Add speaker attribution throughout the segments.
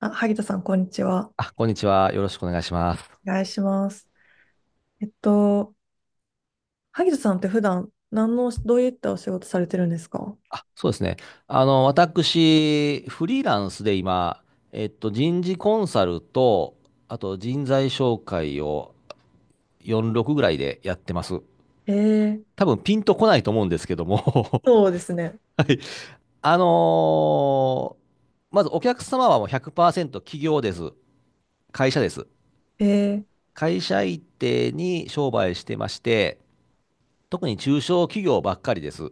Speaker 1: あ、萩田さん、こんにちは。
Speaker 2: あ、こんにちは。よろしくお願いします。
Speaker 1: お願いします。えっと、萩田さんって普段、どういったお仕事されてるんですか？
Speaker 2: あ、そうですね。あの、私、フリーランスで今、人事コンサルと、あと人材紹介を46ぐらいでやってます。
Speaker 1: えー、
Speaker 2: 多分ピンとこないと思うんですけども。
Speaker 1: そうですね。
Speaker 2: はい。あのーまずお客様はもう100%企業です。会社です。
Speaker 1: えー、
Speaker 2: 会社一定に商売してまして、特に中小企業ばっかりです。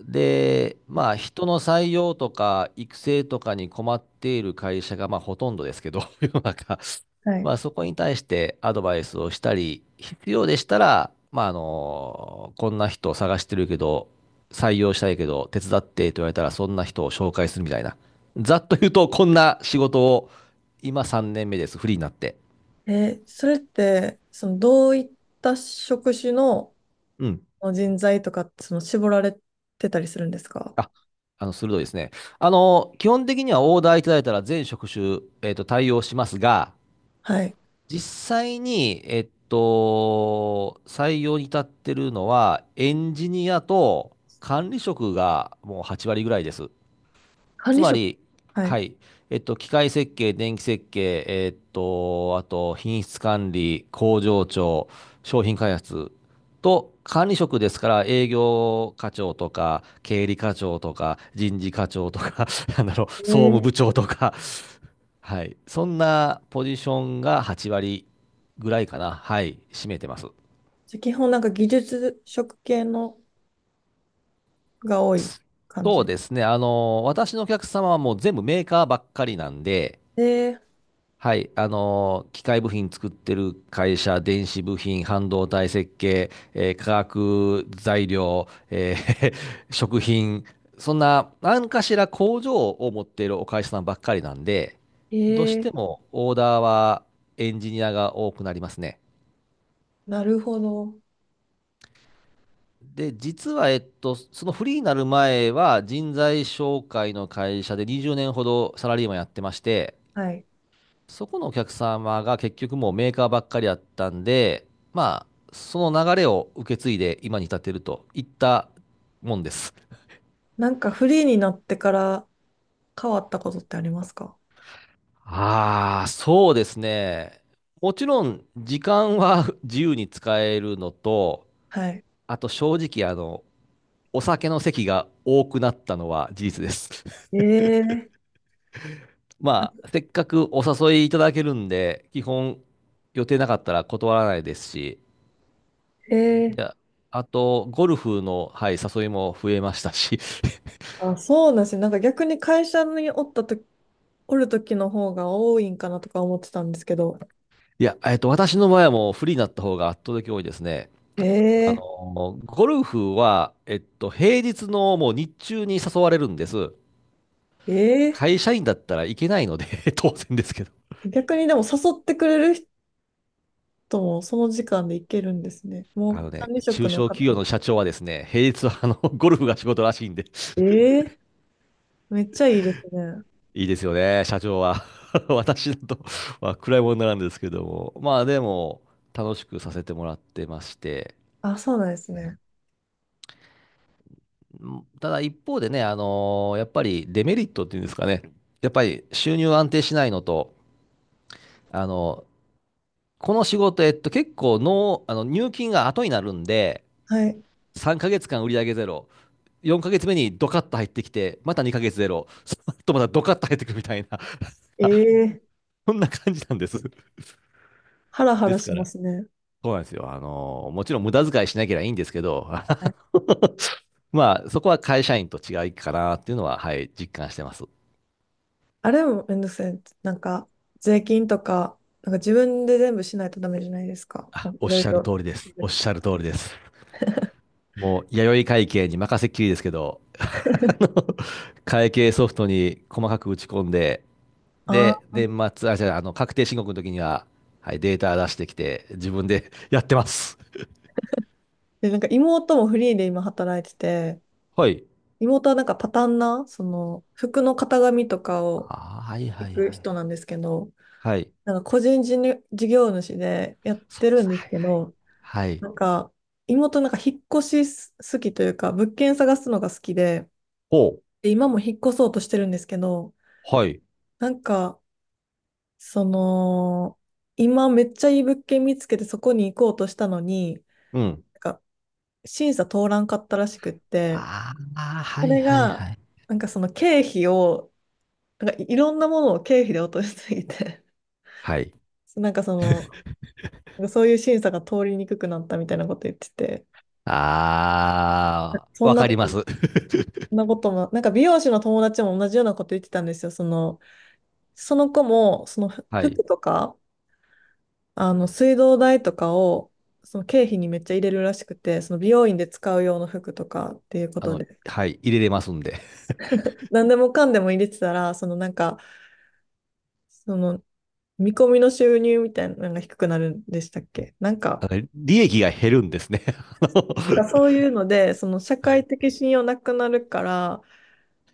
Speaker 2: で、まあ、人の採用とか育成とかに困っている会社が、まあ、ほとんどですけど、世の中。
Speaker 1: はい。
Speaker 2: まあ、そこに対してアドバイスをしたり、必要でしたら、まあ、あの、こんな人を探してるけど、採用したいけど、手伝ってと言われたら、そんな人を紹介するみたいな。ざっと言うと、こんな仕事を、今3年目です、フリーになって。
Speaker 1: それって、どういった職種の
Speaker 2: うん。
Speaker 1: 人材とかって、絞られてたりするんですか？
Speaker 2: あ、あの、鋭いですね。あの、基本的にはオーダーいただいたら全職種、対応しますが、
Speaker 1: はい。
Speaker 2: 実際に、採用に至ってるのは、エンジニアと管理職がもう8割ぐらいです。
Speaker 1: 管
Speaker 2: つ
Speaker 1: 理
Speaker 2: ま
Speaker 1: 職。
Speaker 2: り、
Speaker 1: はい。
Speaker 2: はい、機械設計、電気設計、あと、品質管理、工場長、商品開発と、管理職ですから、営業課長とか、経理課長とか、人事課長とか、なんだろう、総
Speaker 1: え
Speaker 2: 務部
Speaker 1: ー
Speaker 2: 長とか、はい。そんなポジションが8割ぐらいかな。はい。占めてます。
Speaker 1: じゃあ基本、なんか技術職系のが多い
Speaker 2: す
Speaker 1: 感
Speaker 2: そう
Speaker 1: じ。
Speaker 2: ですね。あの、私のお客様はもう全部メーカーばっかりなんで、
Speaker 1: で、
Speaker 2: はい。あの、機械部品作ってる会社、電子部品、半導体設計、化学材料、食品、そんな何かしら工場を持っているお会社さんばっかりなんで、
Speaker 1: え
Speaker 2: どうして
Speaker 1: ー、
Speaker 2: もオーダーはエンジニアが多くなりますね。
Speaker 1: なるほど。
Speaker 2: で、実は、そのフリーになる前は、人材紹介の会社で20年ほどサラリーマンやってまして、
Speaker 1: はい。
Speaker 2: そこのお客様が結局もうメーカーばっかりだったんで、まあ、その流れを受け継いで今に至っているといったもんです。
Speaker 1: なんかフリーになってから変わったことってありますか？
Speaker 2: ああ、そうですね。もちろん、時間は 自由に使えるのと、
Speaker 1: はい。
Speaker 2: あと正直、あの、お酒の席が多くなったのは事実です。
Speaker 1: えー、
Speaker 2: まあ、せっかくお誘いいただけるんで、基本予定なかったら断らないですし、
Speaker 1: えー、
Speaker 2: でああと、ゴルフの、はい、誘いも増えましたし、
Speaker 1: あ、そうなんですね。なんか逆に会社におるときの方が多いんかなとか思ってたんですけど。
Speaker 2: いや、私の場合はもうフリーになった方が圧倒的に多いですね。あ
Speaker 1: え
Speaker 2: の、ゴルフは、平日のもう日中に誘われるんです。
Speaker 1: ー、え
Speaker 2: 会社員だったらいけないので 当然ですけど。
Speaker 1: 逆にでも誘ってくれる人もその時間で行けるんですね。も
Speaker 2: あ
Speaker 1: う
Speaker 2: のね、
Speaker 1: 管理職
Speaker 2: 中
Speaker 1: の
Speaker 2: 小企業
Speaker 1: 方。
Speaker 2: の社長はですね、平日はあの、ゴルフが仕事らしいんで。
Speaker 1: えー、めっちゃいいですね。
Speaker 2: いいですよね、社長は。私だとまあ暗いものなんですけども、まあでも、楽しくさせてもらってまして、
Speaker 1: あ、そうなんです
Speaker 2: はい。
Speaker 1: ね。
Speaker 2: うん。ただ一方でね、やっぱりデメリットっていうんですかね、やっぱり収入安定しないのと、あのこの仕事、結構の、あの入金が後になるんで、
Speaker 1: はい。
Speaker 2: 3ヶ月間売上ゼロ、4ヶ月目にドカッと入ってきて、また2ヶ月ゼロ、その後またドカッと入ってくるみたいな、
Speaker 1: ええ、
Speaker 2: そんな感じなんです。
Speaker 1: ハラハ
Speaker 2: で
Speaker 1: ラ
Speaker 2: す
Speaker 1: し
Speaker 2: か
Speaker 1: ま
Speaker 2: ら、
Speaker 1: すね。
Speaker 2: そうなんですよ。あの、もちろん無駄遣いしなければいいんですけど、
Speaker 1: はい。
Speaker 2: まあ、そこは会社員と違いかなっていうのは、はい、実感してます。
Speaker 1: あれもめんどくさい。なんか、税金とか、なんか自分で全部しないとダメじゃないですか。な
Speaker 2: あ、
Speaker 1: んか
Speaker 2: お
Speaker 1: い
Speaker 2: っ
Speaker 1: ろい
Speaker 2: しゃる通
Speaker 1: ろ
Speaker 2: りで
Speaker 1: 手
Speaker 2: す。
Speaker 1: 続
Speaker 2: おっ
Speaker 1: き
Speaker 2: し
Speaker 1: と
Speaker 2: ゃる
Speaker 1: か。
Speaker 2: 通りです。もう、弥生会計に任せっきりですけど、あの会計ソフトに細かく打ち込んで、
Speaker 1: あ
Speaker 2: で、
Speaker 1: あ。
Speaker 2: 年末、あ、じゃあ、あの、確定申告の時には、はい、データ出してきて、自分で やってます。
Speaker 1: で、なんか妹もフリーで今働いてて、
Speaker 2: はい。
Speaker 1: 妹はなんかパターンな、服の型紙とかを
Speaker 2: あー、はいは
Speaker 1: 行
Speaker 2: い
Speaker 1: く
Speaker 2: はい。
Speaker 1: 人なんですけど、
Speaker 2: はい。
Speaker 1: なんか個人事業主でやっ
Speaker 2: そう
Speaker 1: て
Speaker 2: で
Speaker 1: るん
Speaker 2: す。
Speaker 1: です
Speaker 2: はい
Speaker 1: け
Speaker 2: はい。
Speaker 1: ど、
Speaker 2: はい。
Speaker 1: なんか、妹なんか引っ越し好きというか、物件探すのが好きで、
Speaker 2: お、
Speaker 1: で、今も引っ越そうとしてるんですけど、
Speaker 2: はい。
Speaker 1: なんか、その、今めっちゃいい物件見つけてそこに行こうとしたのに、
Speaker 2: うん。
Speaker 1: なんか審査通らんかったらしくって、
Speaker 2: ああ、は
Speaker 1: そ
Speaker 2: い
Speaker 1: れ
Speaker 2: はい
Speaker 1: が、
Speaker 2: はい。
Speaker 1: なんかその経費を、なんかいろんなものを経費で落としすぎて、
Speaker 2: はい。
Speaker 1: なんかそういう審査が通りにくくなったみたいなこと言ってて、
Speaker 2: ああ、
Speaker 1: そん
Speaker 2: わ
Speaker 1: な
Speaker 2: か
Speaker 1: こ
Speaker 2: りま
Speaker 1: と、
Speaker 2: す。
Speaker 1: そんなことも、なんか美容師の友達も同じようなこと言ってたんですよ。その子も、その
Speaker 2: はい。
Speaker 1: 服とか、水道代とかを、その経費にめっちゃ入れるらしくて、その美容院で使う用の服とかっていうこ
Speaker 2: あ
Speaker 1: と
Speaker 2: の、
Speaker 1: で、
Speaker 2: はい。入れれますんで。
Speaker 1: 何でもかんでも入れてたら、その見込みの収入みたいなのが低くなるんでしたっけなんか、
Speaker 2: あの利益が減るんですね。あの
Speaker 1: なんかそういうので、その社
Speaker 2: は
Speaker 1: 会
Speaker 2: い。
Speaker 1: 的信用なくなるから、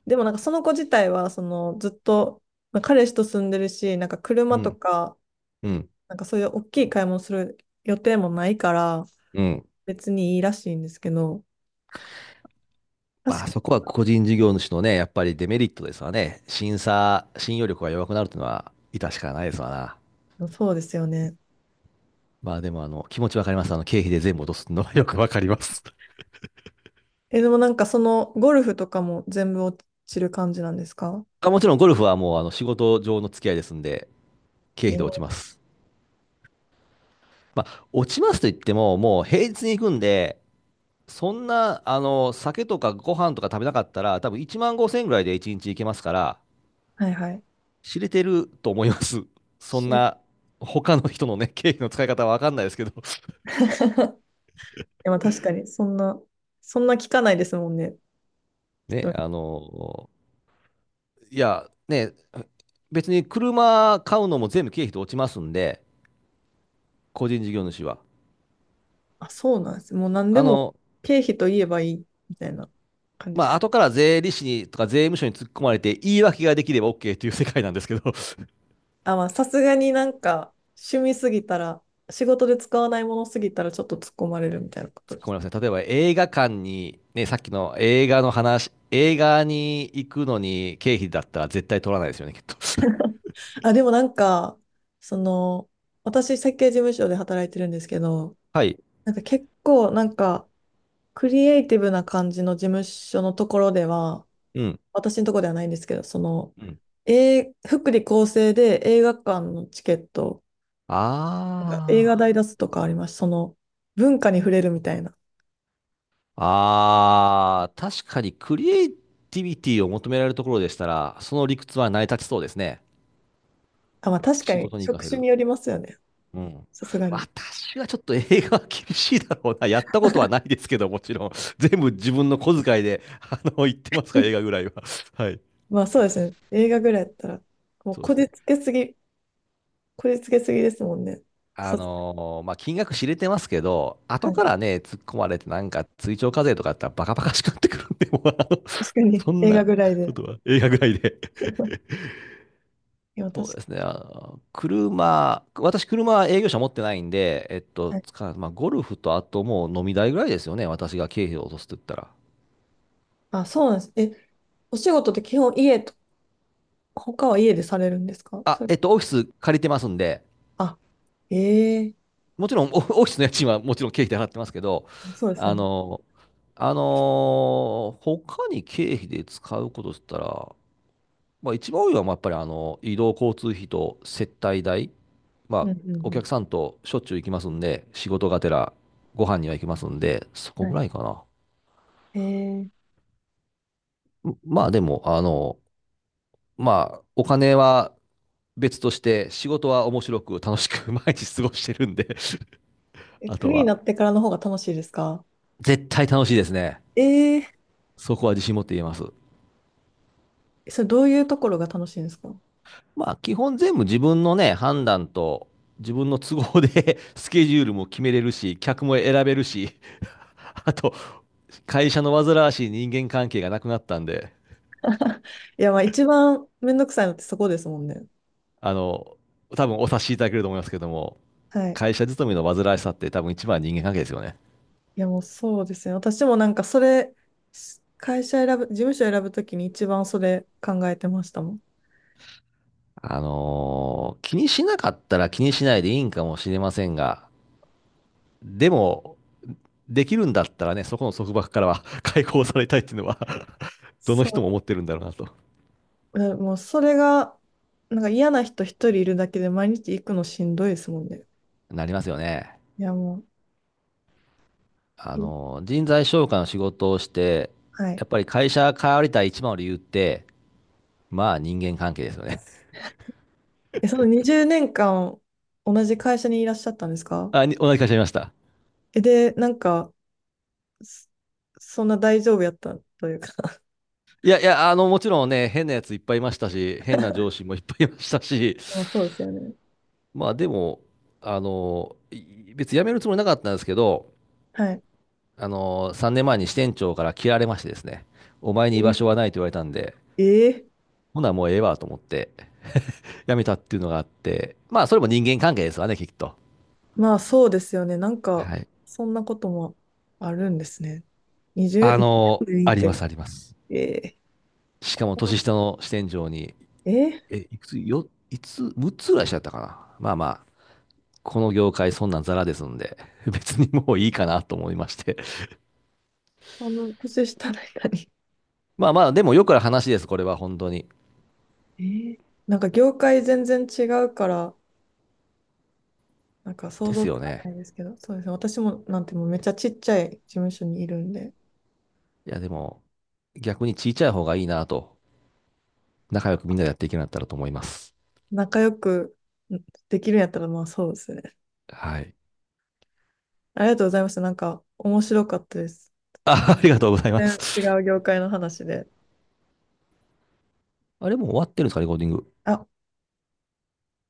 Speaker 1: でもなんかその子自体は、ずっと、まあ彼氏と住んでるし、なんか車
Speaker 2: う
Speaker 1: と
Speaker 2: ん。
Speaker 1: か、
Speaker 2: うん。
Speaker 1: なんかそういう大きい買い物する予定もないから、
Speaker 2: うん。
Speaker 1: 別にいいらしいんですけど、確
Speaker 2: まあ、そ
Speaker 1: か
Speaker 2: こは個人事業主のね、やっぱりデメリットですわね。審査、信用力が弱くなるというのは、致し方ないですわな。
Speaker 1: にそうですよね。
Speaker 2: まあ、でも、あの、気持ちわかります。あの、経費で全部落とすのはよくわかります。
Speaker 1: え、でもなんかそのゴルフとかも全部落ちる感じなんですか？
Speaker 2: あもちろん、ゴルフはもう、あの、仕事上の付き合いですんで、経
Speaker 1: え
Speaker 2: 費で
Speaker 1: ー
Speaker 2: 落ちます。まあ、落ちますと言っても、もう平日に行くんで、そんな、あの、酒とかご飯とか食べなかったら、多分1万5千ぐらいで1日行けますから、
Speaker 1: はいはい。
Speaker 2: 知れてると思います。そん
Speaker 1: い
Speaker 2: な、他の人のね、経費の使い方は分かんないですけど。
Speaker 1: やまあ確かに、そんな聞かないですもんね。人
Speaker 2: ね、
Speaker 1: に。
Speaker 2: あの、いや、ね、別に車買うのも全部経費で落ちますんで、個人事業主は。
Speaker 1: あ、そうなんです。もう何で
Speaker 2: あ
Speaker 1: も
Speaker 2: の、
Speaker 1: 経費と言えばいいみたいな感じで
Speaker 2: まあ、
Speaker 1: す。
Speaker 2: 後から税理士にとか税務署に突っ込まれて言い訳ができれば OK っていう世界なんですけど。
Speaker 1: あ、まあさすがになんか趣味すぎたら、仕事で使わないものすぎたらちょっと突っ込まれるみたいなこと
Speaker 2: 突っ
Speaker 1: で
Speaker 2: 込み
Speaker 1: す。
Speaker 2: ますね。例えば映画館に、ね、さっきの映画の話、映画に行くのに経費だったら絶対取らないですよね、きっと。
Speaker 1: あ、でもなんか、その、私設計事務所で働いてるんですけど、
Speaker 2: はい。
Speaker 1: なんか結構なんか、クリエイティブな感じの事務所のところでは、
Speaker 2: うん。
Speaker 1: 私のところではないんですけど、
Speaker 2: うん。
Speaker 1: 福利厚生で映画館のチケット、なんか映画代
Speaker 2: ああ。
Speaker 1: 出すとかあります。その、文化に触れるみたいな。
Speaker 2: ああ、確かにクリエイティビティを求められるところでしたら、その理屈は成り立ちそうですね。
Speaker 1: あ、まあ確か
Speaker 2: 仕
Speaker 1: に
Speaker 2: 事に活
Speaker 1: 職
Speaker 2: かせ
Speaker 1: 種
Speaker 2: る。
Speaker 1: によりますよね。
Speaker 2: うん。
Speaker 1: さすがに。
Speaker 2: 私はちょっと映画は厳しいだろうな。やったことはないですけど、もちろん。全部自分の小遣いで、あの、行ってますから、映画ぐ らいは。はい。
Speaker 1: まあそうですね。映画ぐらいだったら、もう
Speaker 2: そうですね。
Speaker 1: こじつけすぎですもんね。さす
Speaker 2: まあ、金額知れてますけど、
Speaker 1: は
Speaker 2: 後か
Speaker 1: い。
Speaker 2: らね、突っ込まれて、なんか追徴課税とかやったらバカバカしくなってくるんで、もうあの
Speaker 1: 確か に
Speaker 2: そん
Speaker 1: 映画
Speaker 2: な
Speaker 1: ぐらい
Speaker 2: こ
Speaker 1: で。
Speaker 2: とは映画ぐらいで。
Speaker 1: いや、
Speaker 2: そ
Speaker 1: 確か
Speaker 2: うです
Speaker 1: に。
Speaker 2: ね、あの車、私、車は営業車持ってないんで、
Speaker 1: はい。
Speaker 2: つかまあ、ゴルフとあともう飲み代ぐらいですよね、私が経費を落とすと言ったら。
Speaker 1: あ、そうなんです。お仕事って基本家と、他は家でされるんですか、
Speaker 2: あ、
Speaker 1: それ？
Speaker 2: オフィス借りてますんで、
Speaker 1: あ、ええ、
Speaker 2: もちろんオオフィスの家賃はもちろん経費で払ってますけど、
Speaker 1: そうですよ
Speaker 2: あ
Speaker 1: ね。
Speaker 2: のーあのー他に経費で使うことって言ったら、まあ、一番多いのは、まあやっぱりあの移動交通費と接待代、
Speaker 1: う
Speaker 2: まあ、
Speaker 1: んうん
Speaker 2: お
Speaker 1: うん、
Speaker 2: 客さんとしょっちゅう行きますんで、仕事がてらご飯には行きますんで、そこ
Speaker 1: は
Speaker 2: ぐ
Speaker 1: い。
Speaker 2: らいか
Speaker 1: え
Speaker 2: な。まあでも、あの、まあ、お金は別として、仕事は面白く楽しく 毎日過ごしてるんで
Speaker 1: ええ、
Speaker 2: あ
Speaker 1: フ
Speaker 2: と
Speaker 1: リーに
Speaker 2: は、
Speaker 1: なってからの方が楽しいですか？
Speaker 2: 絶対楽しいですね。
Speaker 1: ええ。
Speaker 2: そこは自信持って言えます。
Speaker 1: それどういうところが楽しいんですか？
Speaker 2: まあ、基本全部自分のね、判断と、自分の都合で スケジュールも決めれるし、客も選べるし、あと、会社の煩わしい人間関係がなくなったんで、
Speaker 1: いや、まあ一番めんどくさいのってそこですもんね。
Speaker 2: あの、多分お察しいただけると思いますけども、
Speaker 1: はい。
Speaker 2: 会社勤めの煩わしさって多分一番は人間関係ですよね。
Speaker 1: いや、もうそうですね。私もなんかそれ、会社選ぶ、事務所選ぶときに一番それ考えてましたもん。
Speaker 2: 気にしなかったら気にしないでいいんかもしれませんが、でも、できるんだったらね、そこの束縛からは 解放されたいっていうのは どの
Speaker 1: そ
Speaker 2: 人
Speaker 1: う。
Speaker 2: も思ってるんだろうなと。
Speaker 1: もうそれが、なんか嫌な人一人いるだけで毎日行くのしんどいですもんね。
Speaker 2: なりますよね。
Speaker 1: いや、もう、
Speaker 2: 人材紹介の仕事をして、
Speaker 1: はい。
Speaker 2: やっぱり会社変わりたい一番の理由って、まあ人間関係ですよね。
Speaker 1: え、その20年間同じ会社にいらっしゃったんです か？
Speaker 2: あ、同じ会社いました。
Speaker 1: え、で、なんか、そそんな大丈夫やったというか。
Speaker 2: いやいや、あの、もちろんね、変なやついっぱいいましたし、変な上司もいっぱいいましたし、
Speaker 1: まあ、そうですよね。
Speaker 2: まあでも、あの、別に辞めるつもりなかったんですけど、
Speaker 1: はい。
Speaker 2: あの、3年前に支店長から切られましてですね、お前に居場所
Speaker 1: え、
Speaker 2: はないと言われたんで、
Speaker 1: えー
Speaker 2: ほなもうええわと思って、辞めたっていうのがあって、まあそれも人間関係ですわね、きっと。
Speaker 1: まあそうですよね。なんか、
Speaker 2: はい。
Speaker 1: そんなこともあるんですね。
Speaker 2: あの、
Speaker 1: 20年
Speaker 2: あ
Speaker 1: い
Speaker 2: ります、
Speaker 1: て。
Speaker 2: あります。
Speaker 1: え
Speaker 2: しかも年下の支店長に、
Speaker 1: ー、え
Speaker 2: いくつ、よ、いつ、6つぐらいしちゃったかな。まあまこの業界そんなんザラですんで、別にもういいかなと思いまして。
Speaker 1: 年下の人に。
Speaker 2: まあまあ、でもよくある話です、これは本当に。
Speaker 1: えー、なんか業界全然違うから、なんか想
Speaker 2: で
Speaker 1: 像
Speaker 2: す
Speaker 1: つ
Speaker 2: よ
Speaker 1: か
Speaker 2: ね。
Speaker 1: ないですけど、そうですね。私もなんてもうめっちゃちっちゃい事務所にいるんで、
Speaker 2: いや、でも、逆にちいちゃい方がいいなと、仲良くみんなでやっていけるようになかったらと思います。
Speaker 1: 仲良くできるんやったら、まあそうですね。
Speaker 2: はい。
Speaker 1: ありがとうございました。なんか面白かったです。
Speaker 2: あ、ありがとうございま
Speaker 1: 全
Speaker 2: す。
Speaker 1: 然違う業界の話で。
Speaker 2: あれもう終わってるんですか、レコーディング？
Speaker 1: あ、